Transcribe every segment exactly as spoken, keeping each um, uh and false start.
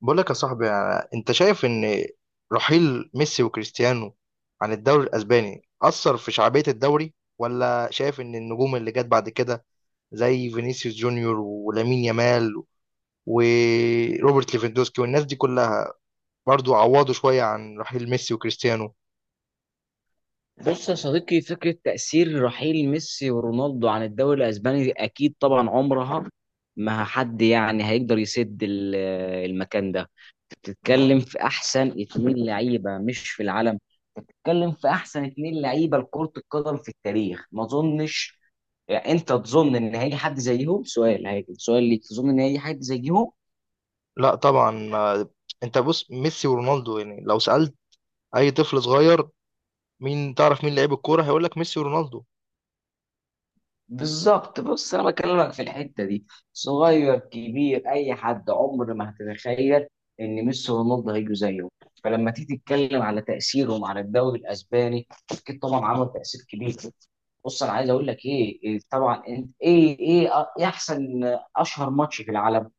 بقول لك يا صاحبي، انت شايف ان رحيل ميسي وكريستيانو عن الدوري الاسباني اثر في شعبية الدوري، ولا شايف ان النجوم اللي جت بعد كده زي فينيسيوس جونيور ولامين يامال وروبرت ليفاندوسكي والناس دي كلها برضو عوضوا شوية عن رحيل ميسي وكريستيانو؟ بص يا صديقي، فكرة تأثير رحيل ميسي ورونالدو عن الدوري الأسباني أكيد طبعا عمرها ما حد يعني هيقدر يسد ال- المكان ده. بتتكلم في أحسن اتنين لعيبة، مش في العالم، بتتكلم في أحسن اتنين لعيبة لكرة القدم في التاريخ. ما أظنش، يعني أنت تظن إن هيجي حد زيهم؟ سؤال هيجي سؤال ليك، تظن إن هيجي حد زيهم؟ لا طبعا، آه. انت بص، ميسي ورونالدو، يعني لو سألت اي طفل صغير مين تعرف مين لعيب الكورة هيقول لك ميسي ورونالدو. بالظبط. بص، انا بكلمك في الحته دي، صغير كبير اي حد عمر ما هتتخيل ان ميسي ورونالدو هيجوا زيه. فلما تيجي تتكلم على تاثيرهم على الدوري الاسباني، اكيد طبعا عمل تاثير كبير. بص، انا عايز اقول لك ايه، إيه طبعا انت ايه ايه أ- إيه احسن اشهر ماتش في العالم؟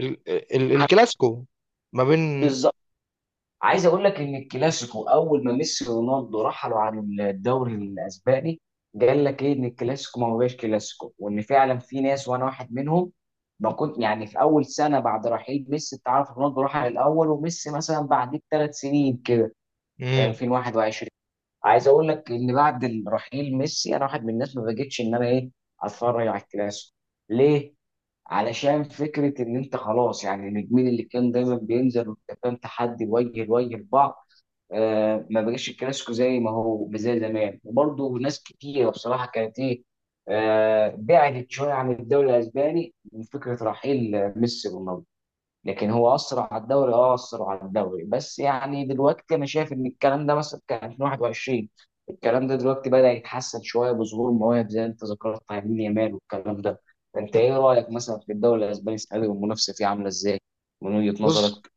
ال ال الكلاسيكو ما بين. بالظبط. عايز اقول لك ان الكلاسيكو، اول ما ميسي ورونالدو رحلوا عن الدوري الاسباني، قال لك ايه، ان الكلاسيكو ما بقاش كلاسيكو، وان فعلا في ناس، وانا واحد منهم، ما كنت يعني في اول سنه بعد رحيل ميسي، انت عارف رونالدو راح الاول وميسي مثلا بعد بثلاث سنين كده، في مم. ألفين وواحد وعشرين. عايز اقول لك ان بعد رحيل ميسي، انا واحد من الناس ما بقتش ان انا ايه، اتفرج على الكلاسيكو. ليه؟ علشان فكره ان انت خلاص، يعني النجمين اللي كان دايما بينزل وكان تحدي وجه لوجه لبعض. آه، ما بقاش الكلاسيكو زي ما هو زي زمان، وبرضه ناس كتيرة بصراحة كانت ايه، آه، بعدت شوية عن الدوري الأسباني من فكرة رحيل آه، ميسي ورونالدو. لكن هو أثر على الدوري، أه أثر على الدوري. بس يعني دلوقتي أنا شايف إن الكلام ده مثلا كان ألفين وواحد وعشرين، الكلام ده دلوقتي بدأ يتحسن شوية بظهور مواهب زي أنت ذكرت يمين يامال والكلام ده. أنت إيه رأيك مثلا في الدوري الأسباني السنة دي، والمنافسة فيه عاملة إزاي من وجهة بص، نظرك؟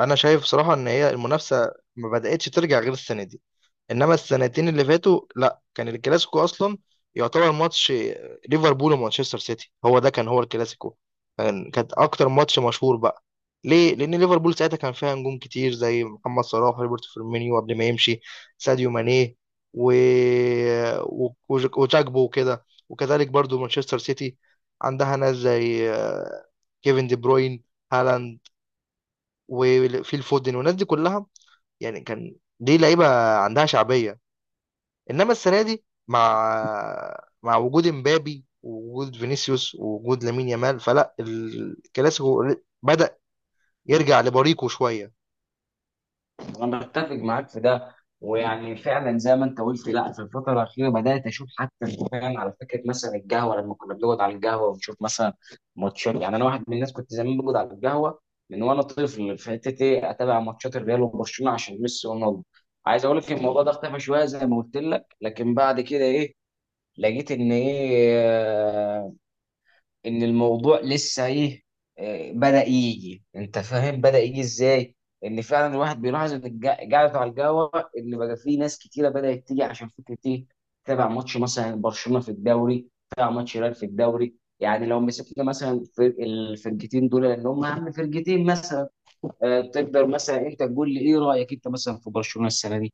انا شايف بصراحه ان هي المنافسه ما بداتش ترجع غير السنه دي، انما السنتين اللي فاتوا لا، كان الكلاسيكو اصلا يعتبر ماتش ليفربول ومانشستر سيتي، هو ده كان هو الكلاسيكو. كان كانت اكتر ماتش مشهور بقى. ليه؟ لان ليفربول ساعتها كان فيها نجوم كتير زي محمد صلاح، روبرت فيرمينيو قبل ما يمشي، ساديو ماني، و... و... وج- وجاكبو وكده. وكذلك برضو مانشستر سيتي عندها ناس زي كيفن دي بروين، هالاند، وفيل فودن والناس دي كلها. يعني كان دي لعيبه عندها شعبيه. انما السنه دي، مع مع وجود امبابي ووجود فينيسيوس ووجود لامين يامال، فلا الكلاسيكو بدأ يرجع لبريقه شويه. انا بتفق معاك في ده. ويعني فعلا زي ما انت قلت، لا، في الفتره الاخيره بدات اشوف حتى فعلا، على فكره مثلا القهوه، لما كنا بنقعد على القهوه ونشوف مثلا ماتشات، يعني انا واحد من الناس كنت زمان بقعد على القهوه من وانا طفل في حته ايه، اتابع ماتشات الريال وبرشلونه عشان ميسي ورونالدو. عايز اقول لك الموضوع ده اختفى شويه زي ما قلت لك، لكن بعد كده ايه، لقيت ان ايه، ان الموضوع لسه ايه، آه، بدأ يجي، انت فاهم، بدأ يجي ازاي، ان فعلا الواحد بيلاحظ ان الج- قاعدة على القهوة، ان بقى في ناس كتيرة بدأت تيجي عشان فكرة ايه، تابع ماتش مثلا برشلونة في الدوري، تابع ماتش ريال في الدوري. يعني لو مسكنا مثلا فرق الفرقتين دول، لان هم اهم فرقتين مثلا، آه، تقدر مثلا انت تقول لي ايه رأيك انت مثلا في برشلونة السنة دي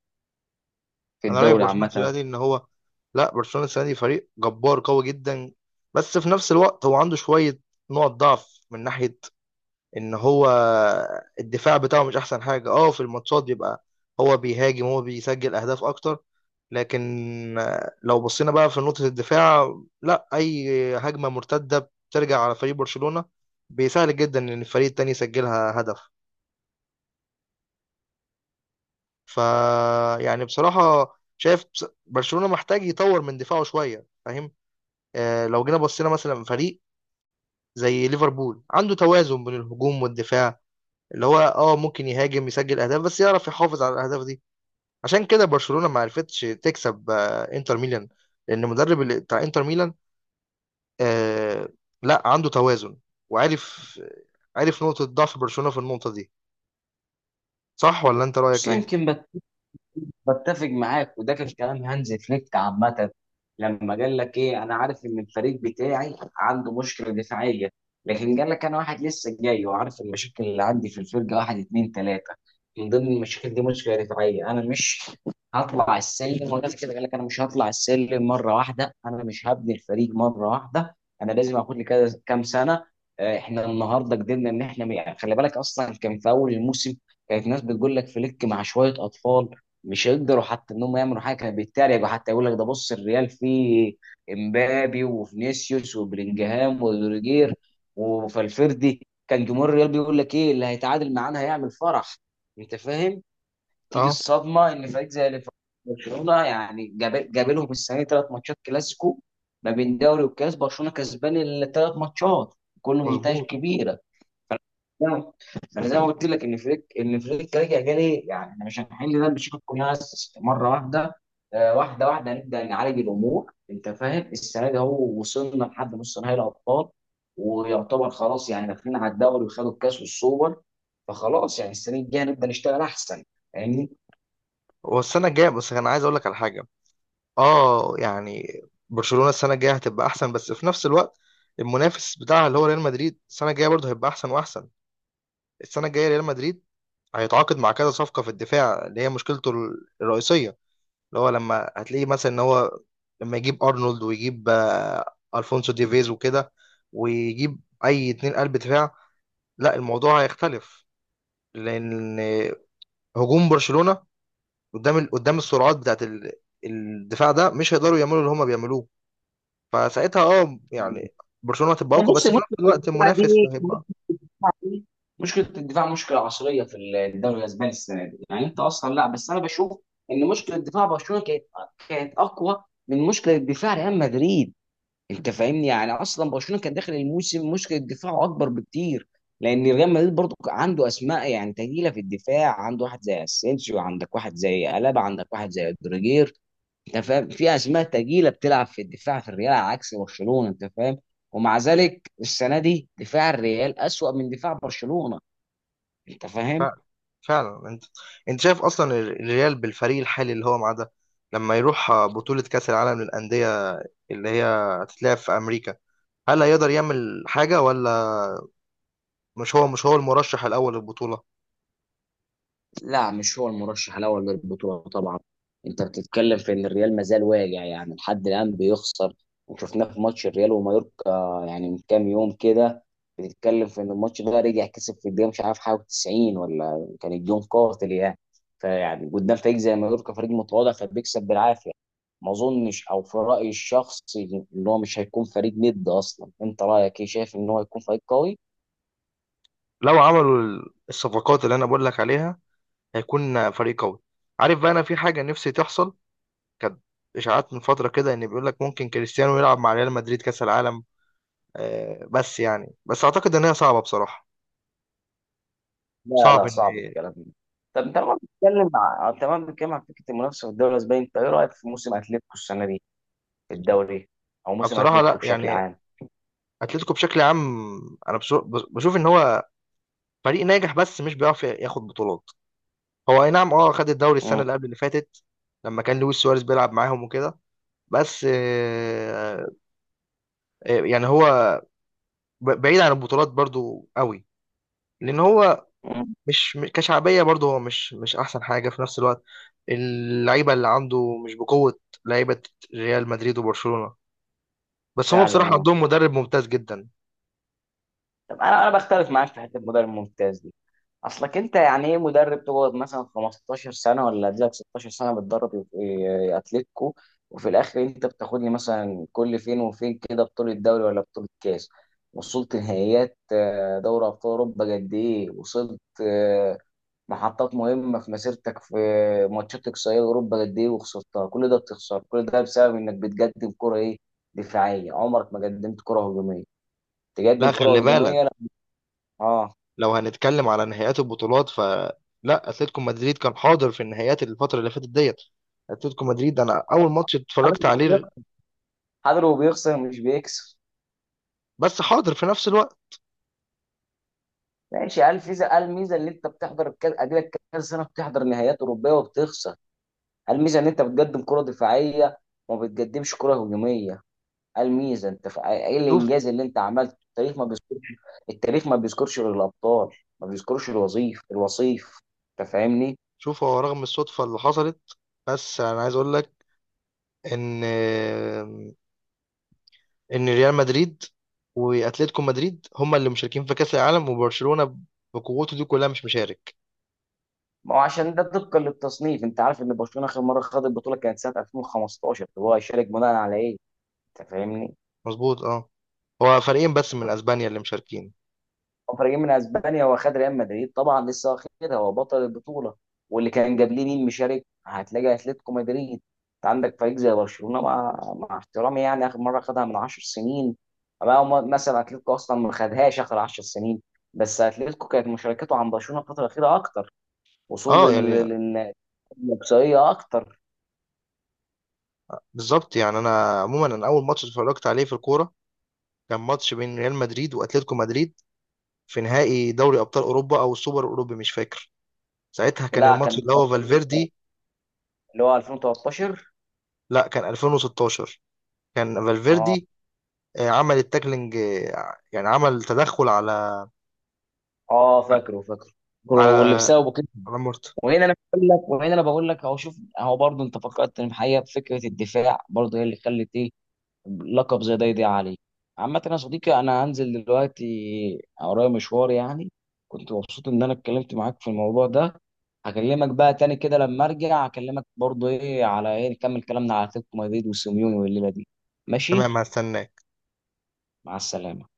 في انا رايي في الدوري برشلونه السنه عامة؟ دي ان هو، لا، برشلونه السنه دي فريق جبار قوي جدا، بس في نفس الوقت هو عنده شويه نقط ضعف من ناحيه ان هو الدفاع بتاعه مش احسن حاجه. اه، في الماتشات بيبقى هو بيهاجم، هو بيسجل اهداف اكتر، لكن آه، لو بصينا بقى في نقطه الدفاع، لا، اي هجمه مرتده بترجع على فريق برشلونه بيسهل جدا ان الفريق التاني يسجلها هدف. ف يعني بصراحه شايف بص- برشلونه محتاج يطور من دفاعه شويه، فاهم؟ آه، لو جينا بصينا مثلا فريق زي ليفربول، عنده توازن بين الهجوم والدفاع، اللي هو اه ممكن يهاجم يسجل اهداف بس يعرف يحافظ على الاهداف دي. عشان كده برشلونة ما عرفتش تكسب آه، انتر ميلان، لان المدرب اللي- بتاع انتر ميلان، آه لا، عنده توازن، وعارف عارف نقطة ضعف برشلونة في النقطة دي. صح ولا انت رأيك خصوصا ايه؟ يمكن. بتفق معاك، وده كان كلام هانز فليك عامة، لما قال لك ايه، انا عارف ان الفريق بتاعي عنده مشكلة دفاعية، لكن قال لك انا واحد لسه جاي وعارف المشاكل اللي عندي في الفرقة، واحد اتنين تلاتة، من ضمن المشاكل دي مشكلة دفاعية. انا مش هطلع السلم، ونفس كده قال لك انا مش هطلع السلم مرة واحدة، انا مش هبني الفريق مرة واحدة، انا لازم اخد لي كذا كام سنة. آه، احنا النهارده قدرنا ان احنا، خلي بالك اصلا كان في اول الموسم كانت ناس بتقول لك فليك مع شوية اطفال مش هيقدروا حتى انهم يعملوا حاجه، كانوا بيتريقوا حتى، يقول لك ده بص الريال فيه امبابي وفينيسيوس وبلينجهام وروديجير وفالفيردي، كان جمهور الريال بيقول لك ايه اللي هيتعادل معانا هيعمل فرح. انت فاهم؟ تيجي اه، الصدمه ان فريق زي ليفر- برشلونه يعني جاب جاب لهم السنه دي ثلاث ماتشات كلاسيكو ما بين دوري وكاس، برشلونه كسبان الثلاث ماتشات كله بنتائج مظبوط. كبيره. لا، انا زي ما قلت لك ان فريك ان فريك رجع جالي، يعني احنا مش هنحل ده بشكل ياس مره واحده. آه، واحده واحده نبدا نعالج الامور، انت فاهم. السنه دي اهو وصلنا لحد نص نهائي الابطال، ويعتبر خلاص يعني داخلين على الدوري، وخدوا الكاس والسوبر، فخلاص يعني السنه الجايه نبدا نشتغل احسن يعني. هو السنة الجاية، بس انا عايز اقول لك على حاجة. اه يعني، برشلونة السنة الجاية هتبقى احسن، بس في نفس الوقت المنافس بتاعها اللي هو ريال مدريد السنة الجاية برضه هيبقى احسن واحسن. السنة الجاية ريال مدريد هيتعاقد مع كذا صفقة في الدفاع اللي هي مشكلته ال- الرئيسية، اللي هو لما هتلاقيه مثلا ان هو لما يجيب ارنولد، ويجيب آه، الفونسو ديفيز وكده، ويجيب اي اتنين قلب دفاع، لا، الموضوع هيختلف، لان هجوم برشلونة قدام ال- قدام السرعات بتاعت ال- الدفاع ده مش هيقدروا يعملوا اللي هما بيعملوه. فساعتها اه يعني برشلونة هتبقى اقوى، بس بص في نفس الماتش الوقت المنافس دي هيبقى. دي مشكله الدفاع، مشكله عصريه في الدوري الاسباني السنه دي. يعني انت اصلا لا، بس انا بشوف ان مشكله دفاع برشلونه كانت كانت اقوى من مشكله دفاع ريال مدريد، انت فاهمني. يعني اصلا برشلونه كان داخل الموسم مشكله دفاعه اكبر بكتير، لان ريال مدريد برضو عنده اسماء يعني تقيله في الدفاع، عنده واحد زي اسينسيو، عندك واحد زي الابا، عندك واحد زي رودريجير. انت فاهم، في اسماء تقيله بتلعب في الدفاع في الريال، على عكس برشلونه، انت فاهم. ومع ذلك السنه دي دفاع الريال اسوأ من دفاع برشلونه، انت فاهم. فعلا. انت انت شايف اصلا ال- الريال بالفريق الحالي اللي هو معاه ده لما يروح بطولة كأس العالم للأندية، اللي هي هتتلعب في أمريكا، هل هيقدر يعمل حاجة ولا؟ مش هو مش هو المرشح الأول للبطولة. لا، مش هو المرشح الاول للبطوله طبعا. انت بتتكلم في ان الريال ما زال واجع، يعني لحد الان بيخسر، وشفناه في ماتش الريال ومايوركا يعني من كام يوم كده، بتتكلم في ان الماتش ده رجع كسب في الدقيقه مش عارف حاجه تسعين، ولا كان الجون قاتل يعني. فيعني قدام فريق زي مايوركا فريق متواضع فبيكسب بالعافيه. ما اظنش، او في رايي الشخصي، ان هو مش هيكون فريق ند اصلا. انت رايك ايه، شايف ان هو هيكون فريق قوي؟ لو عملوا ال- الصفقات اللي أنا بقول لك عليها هيكون فريق قوي. عارف بقى أنا في حاجة نفسي تحصل؟ كانت إشاعات من فترة كده إن بيقول لك ممكن كريستيانو يلعب مع ريال مدريد كأس العالم. آه، بس يعني، بس أعتقد إن هي صعبة بصراحة. لا صعب لا، إن. صعب الكلام ده. طب انت لما بتتكلم مع، تمام، بنتكلم عن فكره المنافسه في الدوري الاسباني، انت ايه رايك في موسم اتلتيكو السنه دي في الدوري، او موسم بصراحة اتلتيكو لا بشكل يعني، عام؟ اتلتيكو بشكل عام، انا بشو- بشوف ان هو فريق ناجح بس مش بيعرف ياخد بطولات. هو اي نعم، اه، خد الدوري السنه اللي قبل اللي فاتت لما كان لويس سواريز بيلعب معاهم وكده، بس آه، آه، يعني هو ب- بعيد عن البطولات برضو قوي، لان هو امم مش م- كشعبيه برضو هو مش مش احسن حاجه في نفس الوقت. اللعيبه اللي عنده مش بقوه لعيبه ريال مدريد وبرشلونه، بس هم فعلا بصراحه اه. عندهم مدرب ممتاز جدا. طب انا انا بختلف معاك في حته المدرب الممتاز دي. اصلك انت يعني ايه مدرب تقعد مثلا خمستاشر سنه ولا تجيلك ستاشر سنه بتدرب إيه اتلتيكو، وفي الاخر انت بتاخد لي مثلا كل فين وفين كده بطوله دوري ولا بطوله كاس؟ وصلت نهائيات آه، دوري ابطال اوروبا قد ايه، وصلت آه، محطات مهمه في مسيرتك في ماتشات اقصائيه اوروبا قد ايه وخسرتها، كل ده بتخسر كل ده بسبب انك بتقدم كره ايه، دفاعيه، عمرك ما قدمت كره هجوميه. تقدم لا، كره خلي بالك، هجوميه لا. اه، لو هنتكلم على نهائيات البطولات فلا، اتلتيكو مدريد كان حاضر في النهائيات الفتره اللي فاتت ديت. اتلتيكو مدريد، انا اول ماتش اتفرجت عليه. حضر وبيخسر مش بيكسب. بس حاضر في نفس الوقت. ماشي، قال الميزه، قال الميزه ان انت بتحضر الكاس اديلك كذا سنه بتحضر نهائيات اوروبيه وبتخسر. قال الميزه ان انت بتقدم كره دفاعيه وما بتقدمش كره هجوميه. قال الميزه انت ف- ايه شوف الانجاز اللي انت عملته؟ التاريخ ما بيذكرش. التاريخ ما بيذكرش غير الابطال، ما بيذكرش الوظيف الوصيف، انت فاهمني. شوف هو رغم الصدفه اللي حصلت، بس انا عايز اقول لك ان ان ريال مدريد واتلتيكو مدريد هما اللي مشاركين في كاس العالم، وبرشلونه بقوته دي كلها مش مشارك. ما هو عشان ده طبقا للتصنيف، انت عارف ان برشلونه اخر مره خد البطوله كانت سنه ألفين وخمسة عشر، هو هيشارك بناء على ايه؟ انت فاهمني. مظبوط اه. هو فريقين بس من اسبانيا اللي مشاركين. مفرجين من اسبانيا، هو خد ريال مدريد طبعا لسه واخدها، هو بطل البطوله، واللي كان قبليه مين مشارك، هتلاقي اتلتيكو مدريد. انت عندك فريق زي برشلونه، مع مع احترامي يعني، اخر مره خدها من عشر سنين، أما هو مثلا اتلتيكو اصلا ما خدهاش اخر عشر سنين، بس اتلتيكو كانت مشاركته عن برشلونه الفتره الاخيره اكتر، وصول اه ال- يعني، ال- ال- الاقصائيه اكتر. بالظبط. يعني انا عموما، انا اول ماتش اتفرجت عليه في الكوره كان ماتش بين ريال مدريد واتلتيكو مدريد في نهائي دوري ابطال اوروبا او السوبر الاوروبي، مش فاكر. ساعتها كان لا الماتش كان اللي هو فالفيردي. اللي هو ألفين وتلتاشر. لا، كان الفين وستاشر. كان اه. فالفيردي آه، عمل التاكلينج، آه يعني عمل تدخل على اه، فاكره فاكره، على واللي بسببه. على مورتا. وهنا انا بقول لك، وهنا انا بقول لك اهو، شوف اهو برضه، انت فكرتني بحقيقه، بفكره الدفاع برضه هي اللي خلت ايه لقب زي ده يضيع عليه. عامه يا صديقي، انا هنزل دلوقتي، ورايا مشوار يعني. كنت مبسوط ان انا اتكلمت معاك في الموضوع ده. هكلمك بقى تاني كده لما ارجع، هكلمك برضه ايه على ايه، نكمل كلامنا على اتلتيكو مدريد وسيميوني والليله دي، ماشي؟ تمام، هستنى. مع السلامه.